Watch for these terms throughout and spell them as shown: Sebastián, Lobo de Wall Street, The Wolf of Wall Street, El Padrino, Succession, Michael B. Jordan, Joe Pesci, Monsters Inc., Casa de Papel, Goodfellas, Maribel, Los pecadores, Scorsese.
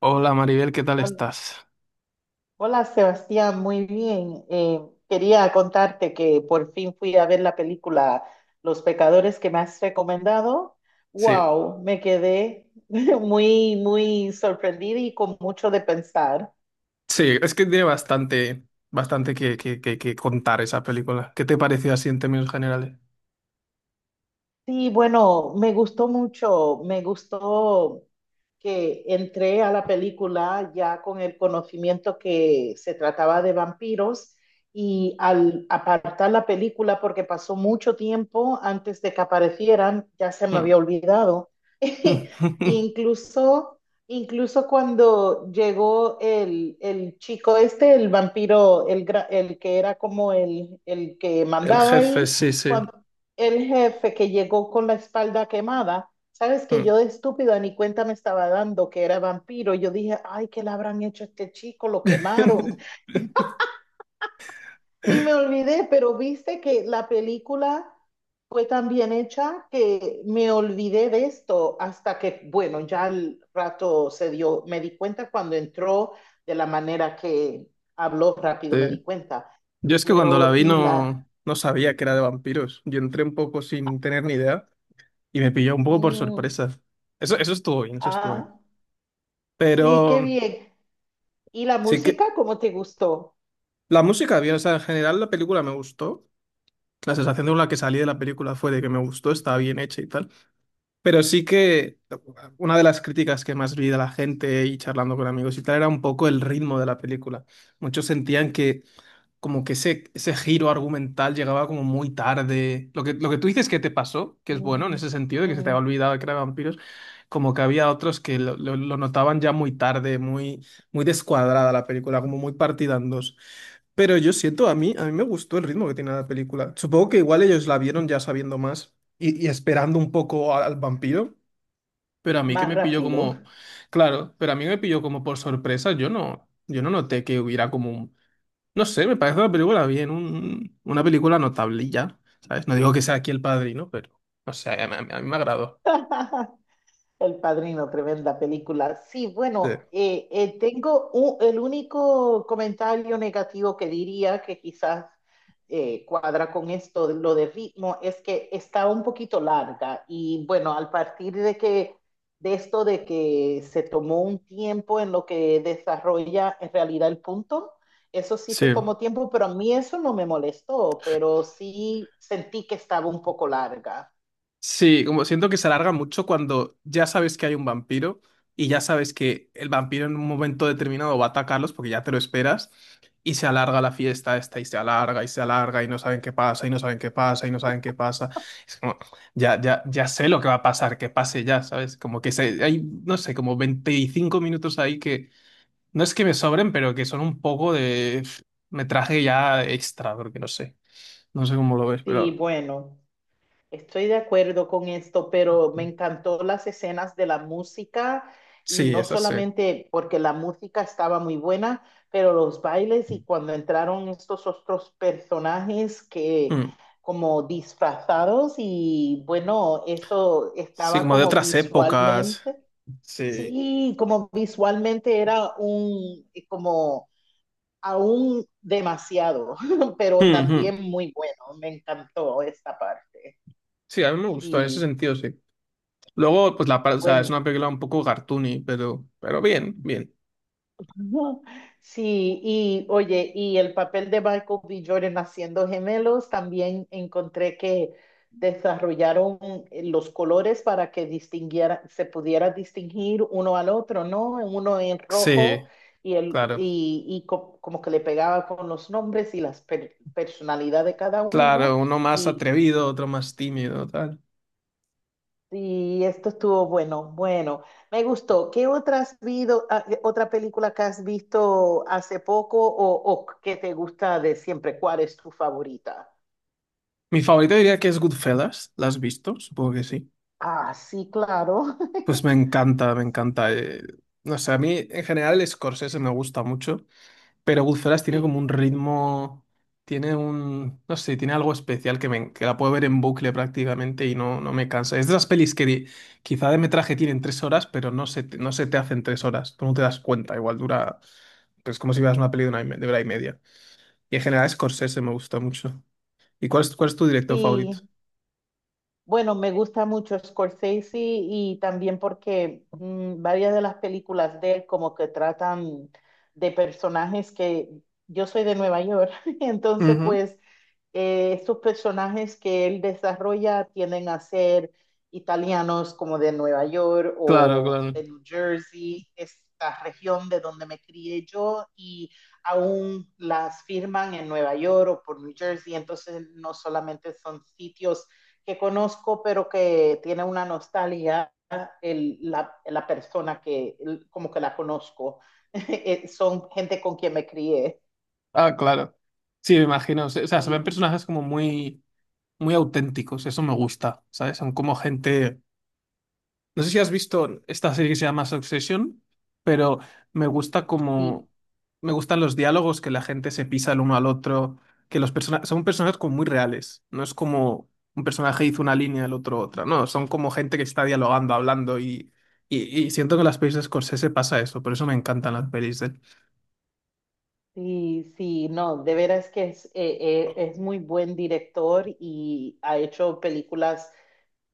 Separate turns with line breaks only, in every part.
Hola Maribel, ¿qué tal
Hol-
estás?
Hola Sebastián, muy bien. Quería contarte que por fin fui a ver la película Los Pecadores que me has recomendado.
Sí,
Wow, me quedé muy sorprendida y con mucho de pensar.
sí, es que tiene bastante, bastante que contar esa película. ¿Qué te pareció así en términos generales?
Sí, bueno, me gustó mucho, me gustó que entré a la película ya con el conocimiento que se trataba de vampiros y al apartar la película, porque pasó mucho tiempo antes de que aparecieran, ya se me había
Mm,
olvidado.
mm,
Incluso, incluso cuando llegó el chico este, el vampiro, el que era como el que
el
mandaba
jefe,
ahí,
sí, sí.
el jefe que llegó con la espalda quemada. Sabes que
Mm.
yo de estúpida ni cuenta me estaba dando que era vampiro. Yo dije, ay, ¿qué le habrán hecho a este chico? Lo quemaron. Y me olvidé, pero viste que la película fue tan bien hecha que me olvidé de esto hasta que, bueno, ya al rato se dio, me di cuenta cuando entró, de la manera que habló
Sí.
rápido, me di cuenta.
Yo es que cuando la
Pero,
vi
y la...
no, no sabía que era de vampiros. Yo entré un poco sin tener ni idea y me pilló un poco por
mm,
sorpresa. Eso estuvo bien, eso estuvo bien.
ah, sí,
Pero
qué bien. ¿Y la
sí que
música cómo te gustó?
la música bien, o sea, en general la película me gustó. La sensación con la que salí de la película fue de que me gustó, estaba bien hecha y tal. Pero sí que una de las críticas que más vi de la gente y charlando con amigos y tal era un poco el ritmo de la película. Muchos sentían que como que ese giro argumental llegaba como muy tarde. Lo que tú dices que te pasó, que es bueno en
Mm,
ese sentido, de que se te había
mm,
olvidado que eran vampiros, como que había otros que lo notaban ya muy tarde, muy, muy descuadrada la película, como muy partida en dos. Pero yo siento, a mí me gustó el ritmo que tiene la película. Supongo que igual ellos la vieron ya sabiendo más y esperando un poco al vampiro. Pero a mí que
Más
me pilló
rápido.
como, claro, pero a mí me pilló como por sorpresa. Yo no noté que hubiera como un, no sé, me parece una película bien, una película notable y ya, ¿sabes? No digo que sea aquí El Padrino, pero, o sea a mí me agradó.
El Padrino, tremenda película. Sí,
Sí.
bueno, tengo el único comentario negativo que diría que quizás cuadra con esto, de lo de ritmo, es que está un poquito larga y bueno, al partir de que de esto de que se tomó un tiempo en lo que desarrolla en realidad el punto. Eso sí se
Sí.
tomó tiempo, pero a mí eso no me molestó, pero sí sentí que estaba un poco larga.
Sí, como siento que se alarga mucho cuando ya sabes que hay un vampiro y ya sabes que el vampiro en un momento determinado va a atacarlos porque ya te lo esperas y se alarga la fiesta esta y se alarga y se alarga y no saben qué pasa y no saben qué pasa y no saben qué pasa. Es como, ya, ya, ya sé lo que va a pasar, que pase ya, ¿sabes? Como que se, hay, no sé, como 25 minutos ahí que no es que me sobren, pero que son un poco de pf, metraje ya extra, porque no sé, no sé cómo lo ves,
Sí,
pero
bueno, estoy de acuerdo con esto, pero me encantó las escenas de la música, y
sí,
no
es así.
solamente porque la música estaba muy buena, pero los bailes y cuando entraron estos otros personajes que
Mm.
como disfrazados, y bueno, esto
Sí,
estaba
como de
como
otras épocas.
visualmente,
Sí.
sí, como visualmente era un como aún demasiado, pero
Mm, mm.
también muy bueno. Me encantó esta parte.
Sí, a mí me gustó en ese
Sí.
sentido, sí. Luego, pues o sea, es
Bueno,
una película un poco cartoony, pero bien, bien.
ujú. Sí, y oye, y el papel de Michael B. Jordan haciendo gemelos, también encontré que desarrollaron los colores para que distinguiera, se pudiera distinguir uno al otro, ¿no? Uno en rojo
Sí,
y, el,
claro.
y co- como que le pegaba con los nombres y personalidad de cada uno,
Claro, uno más
y
atrevido, otro más tímido, tal.
sí, esto estuvo bueno. Bueno, me gustó. ¿Qué otra has qué otra película que has visto hace poco, o que te gusta de siempre? ¿Cuál es tu favorita?
Mi favorito diría que es Goodfellas. ¿La has visto? Supongo que sí.
Ah, sí, claro.
Pues me encanta, me encanta. Eh, no sé, a mí en general Scorsese me gusta mucho. Pero Goodfellas tiene como
Sí,
un ritmo, tiene un, no sé, tiene algo especial que, me, que la puedo ver en bucle prácticamente y no, no me cansa. Es de las pelis que quizá de metraje tienen 3 horas, pero no se te hacen 3 horas, tú no te das cuenta, igual dura, pues como si veas una peli de una, de hora y media. Y en general Scorsese me gusta mucho. ¿Y cuál es tu director favorito?
sí. Bueno, me gusta mucho Scorsese, y también porque varias de las películas de él como que tratan de personajes que... yo soy de Nueva York, entonces
Ujú,
pues estos personajes que él desarrolla tienden a ser italianos, como de Nueva York
claro,
o
claro.
de New Jersey, esta región de donde me crié yo. Y aún las firman en Nueva York o por New Jersey, entonces no solamente son sitios que conozco, pero que tiene una nostalgia persona que como que la conozco. Son gente con quien me crié.
Ah, claro. Sí, me imagino. O sea, se ven
Sí,
personajes como muy, muy auténticos. Eso me gusta, ¿sabes? Son como gente. No sé si has visto esta serie que se llama Succession, pero me gusta
sí.
como me gustan los diálogos que la gente se pisa el uno al otro, que los personajes son personajes como muy reales, no es como un personaje hizo una línea, el otro otra, no, son como gente que está dialogando, hablando y siento que en las pelis de Scorsese pasa eso, por eso me encantan las pelis de él.
Sí, sí, no, de veras que es muy buen director y ha hecho películas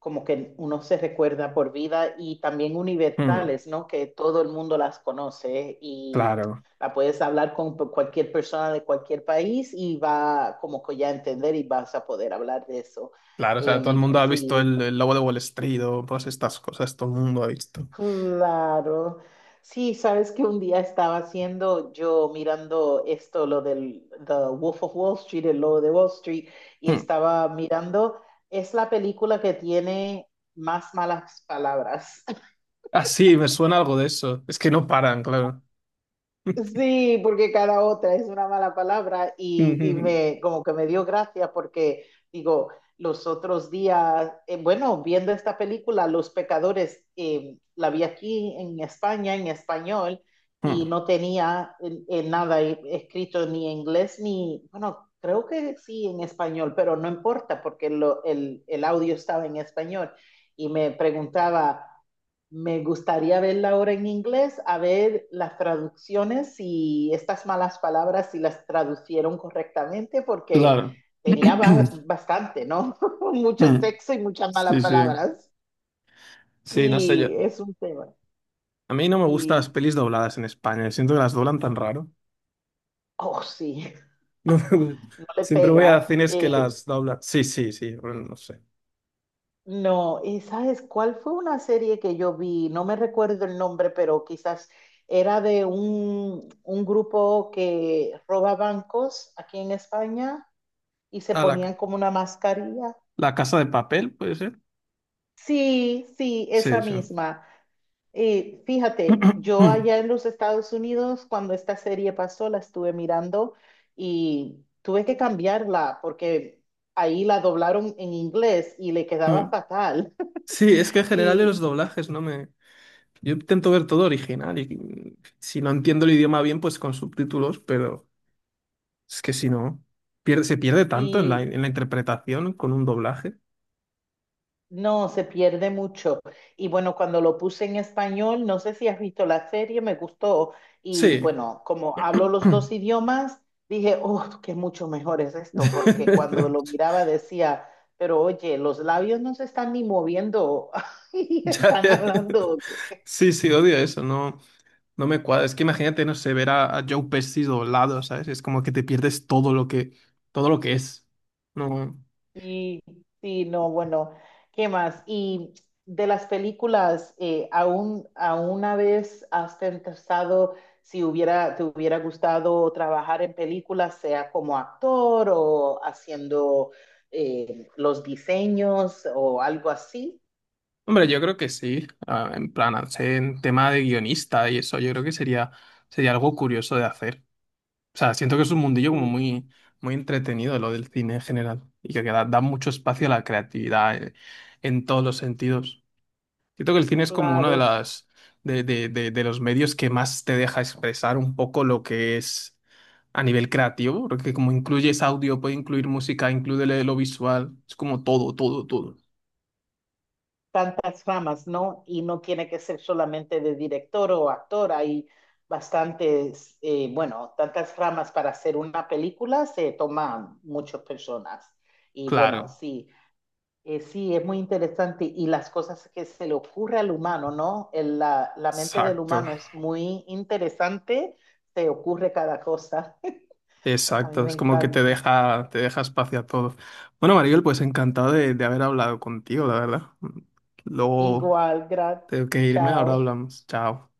como que uno se recuerda por vida y también
Mm,
universales, ¿no? Que todo el mundo las conoce, y
claro,
la puedes hablar con cualquier persona de cualquier país y va como que ya a entender y vas a poder hablar de eso.
claro, o sea, todo el
Em,
mundo ha visto
sí.
el Lobo de Wall Street o todas estas cosas, todo el mundo ha visto.
Claro. Sí, sabes que un día estaba haciendo yo, mirando esto, lo del The Wolf of Wall Street, el lobo de Wall Street, y
Mm.
estaba mirando, es la película que tiene más malas palabras.
Ah, sí, me suena algo de eso, es que no paran, claro.
Sí, porque cada otra es una mala palabra, y
Ujú.
me, como que me dio gracia porque digo, los otros días, bueno, viendo esta película, Los Pecadores, la vi aquí en España, en español, y
Ah,
no tenía nada escrito ni en inglés ni, bueno, creo que sí en español, pero no importa porque el audio estaba en español y me preguntaba. Me gustaría verla ahora en inglés, a ver las traducciones y estas malas palabras, si las traducieron correctamente, porque
claro.
tenía bastante, ¿no? Mucho
Mm.
sexo y muchas malas
Sí, sí.
palabras.
Sí, no sé yo.
Sí, es un tema.
A mí no me gustan las
Sí,
pelis dobladas en España. Siento que las doblan tan raro.
oh, sí,
No me gu-
no le
siempre voy a
pega.
cines que las doblan. Sí, sí, sí. Bueno, no sé.
No, ¿y sabes cuál fue una serie que yo vi? No me recuerdo el nombre, pero quizás era de un grupo que roba bancos aquí en España y se
Ah, la, ca-
ponían como una mascarilla.
la Casa de Papel, ¿puede ser?
Sí, sí, esa
Sí, sí.
misma. Fíjate, yo allá en los Estados Unidos, cuando esta serie pasó, la estuve mirando y tuve que cambiarla porque ahí la doblaron en inglés y le quedaba
Mm.
fatal.
Sí, es que en general de los doblajes no me... Yo intento ver todo original y si no entiendo el idioma bien, pues con subtítulos, pero... Es que si no, pierde, se pierde tanto en la,
Y,
en la interpretación con un doblaje.
No, se pierde mucho. Y bueno, cuando lo puse en español, no sé si has visto la serie, me gustó. Y
Sí.
bueno, como hablo los dos idiomas, dije, oh, qué mucho mejor es esto, porque cuando lo miraba decía, pero oye, los labios no se están ni moviendo y
Ya,
están
ya.
hablando.
Sí, sí, odio eso, no, no me cuadra. Es que imagínate, no sé, ver a Joe Pesci doblado, ¿sabes? Es como que te pierdes todo lo que es. No.
Sí, sí, no, bueno, ¿qué más? Y de las películas, ¿aún, a una vez has pensado si hubiera, te hubiera gustado trabajar en películas, sea como actor o haciendo los diseños o algo así?
Hombre, yo creo que sí. Ah, en plan, al ser en tema de guionista y eso, yo creo que sería, sería algo curioso de hacer. O sea, siento que es un mundillo como
Sí,
muy, muy entretenido lo del cine en general y que da, da mucho espacio a la creatividad, en todos los sentidos. Siento que el cine es como uno de
claro.
las de los medios que más te deja expresar un poco lo que es a nivel creativo, porque como incluyes audio, puede incluir música, incluye lo visual, es como todo, todo, todo.
Tantas ramas, ¿no? Y no tiene que ser solamente de director o actor, hay bastantes, bueno, tantas ramas para hacer una película, se toman muchas personas. Y bueno,
Claro,
sí, sí, es muy interesante, y las cosas que se le ocurre al humano, ¿no? La, la mente del
exacto.
humano es muy interesante, se ocurre cada cosa. A mí
Exacto,
me
es como que
encanta.
te deja espacio a todo. Bueno, Maribel, pues encantado de haber hablado contigo, la verdad. Luego
Igual, gracias.
tengo que irme, ahora
Chao.
hablamos. Chao.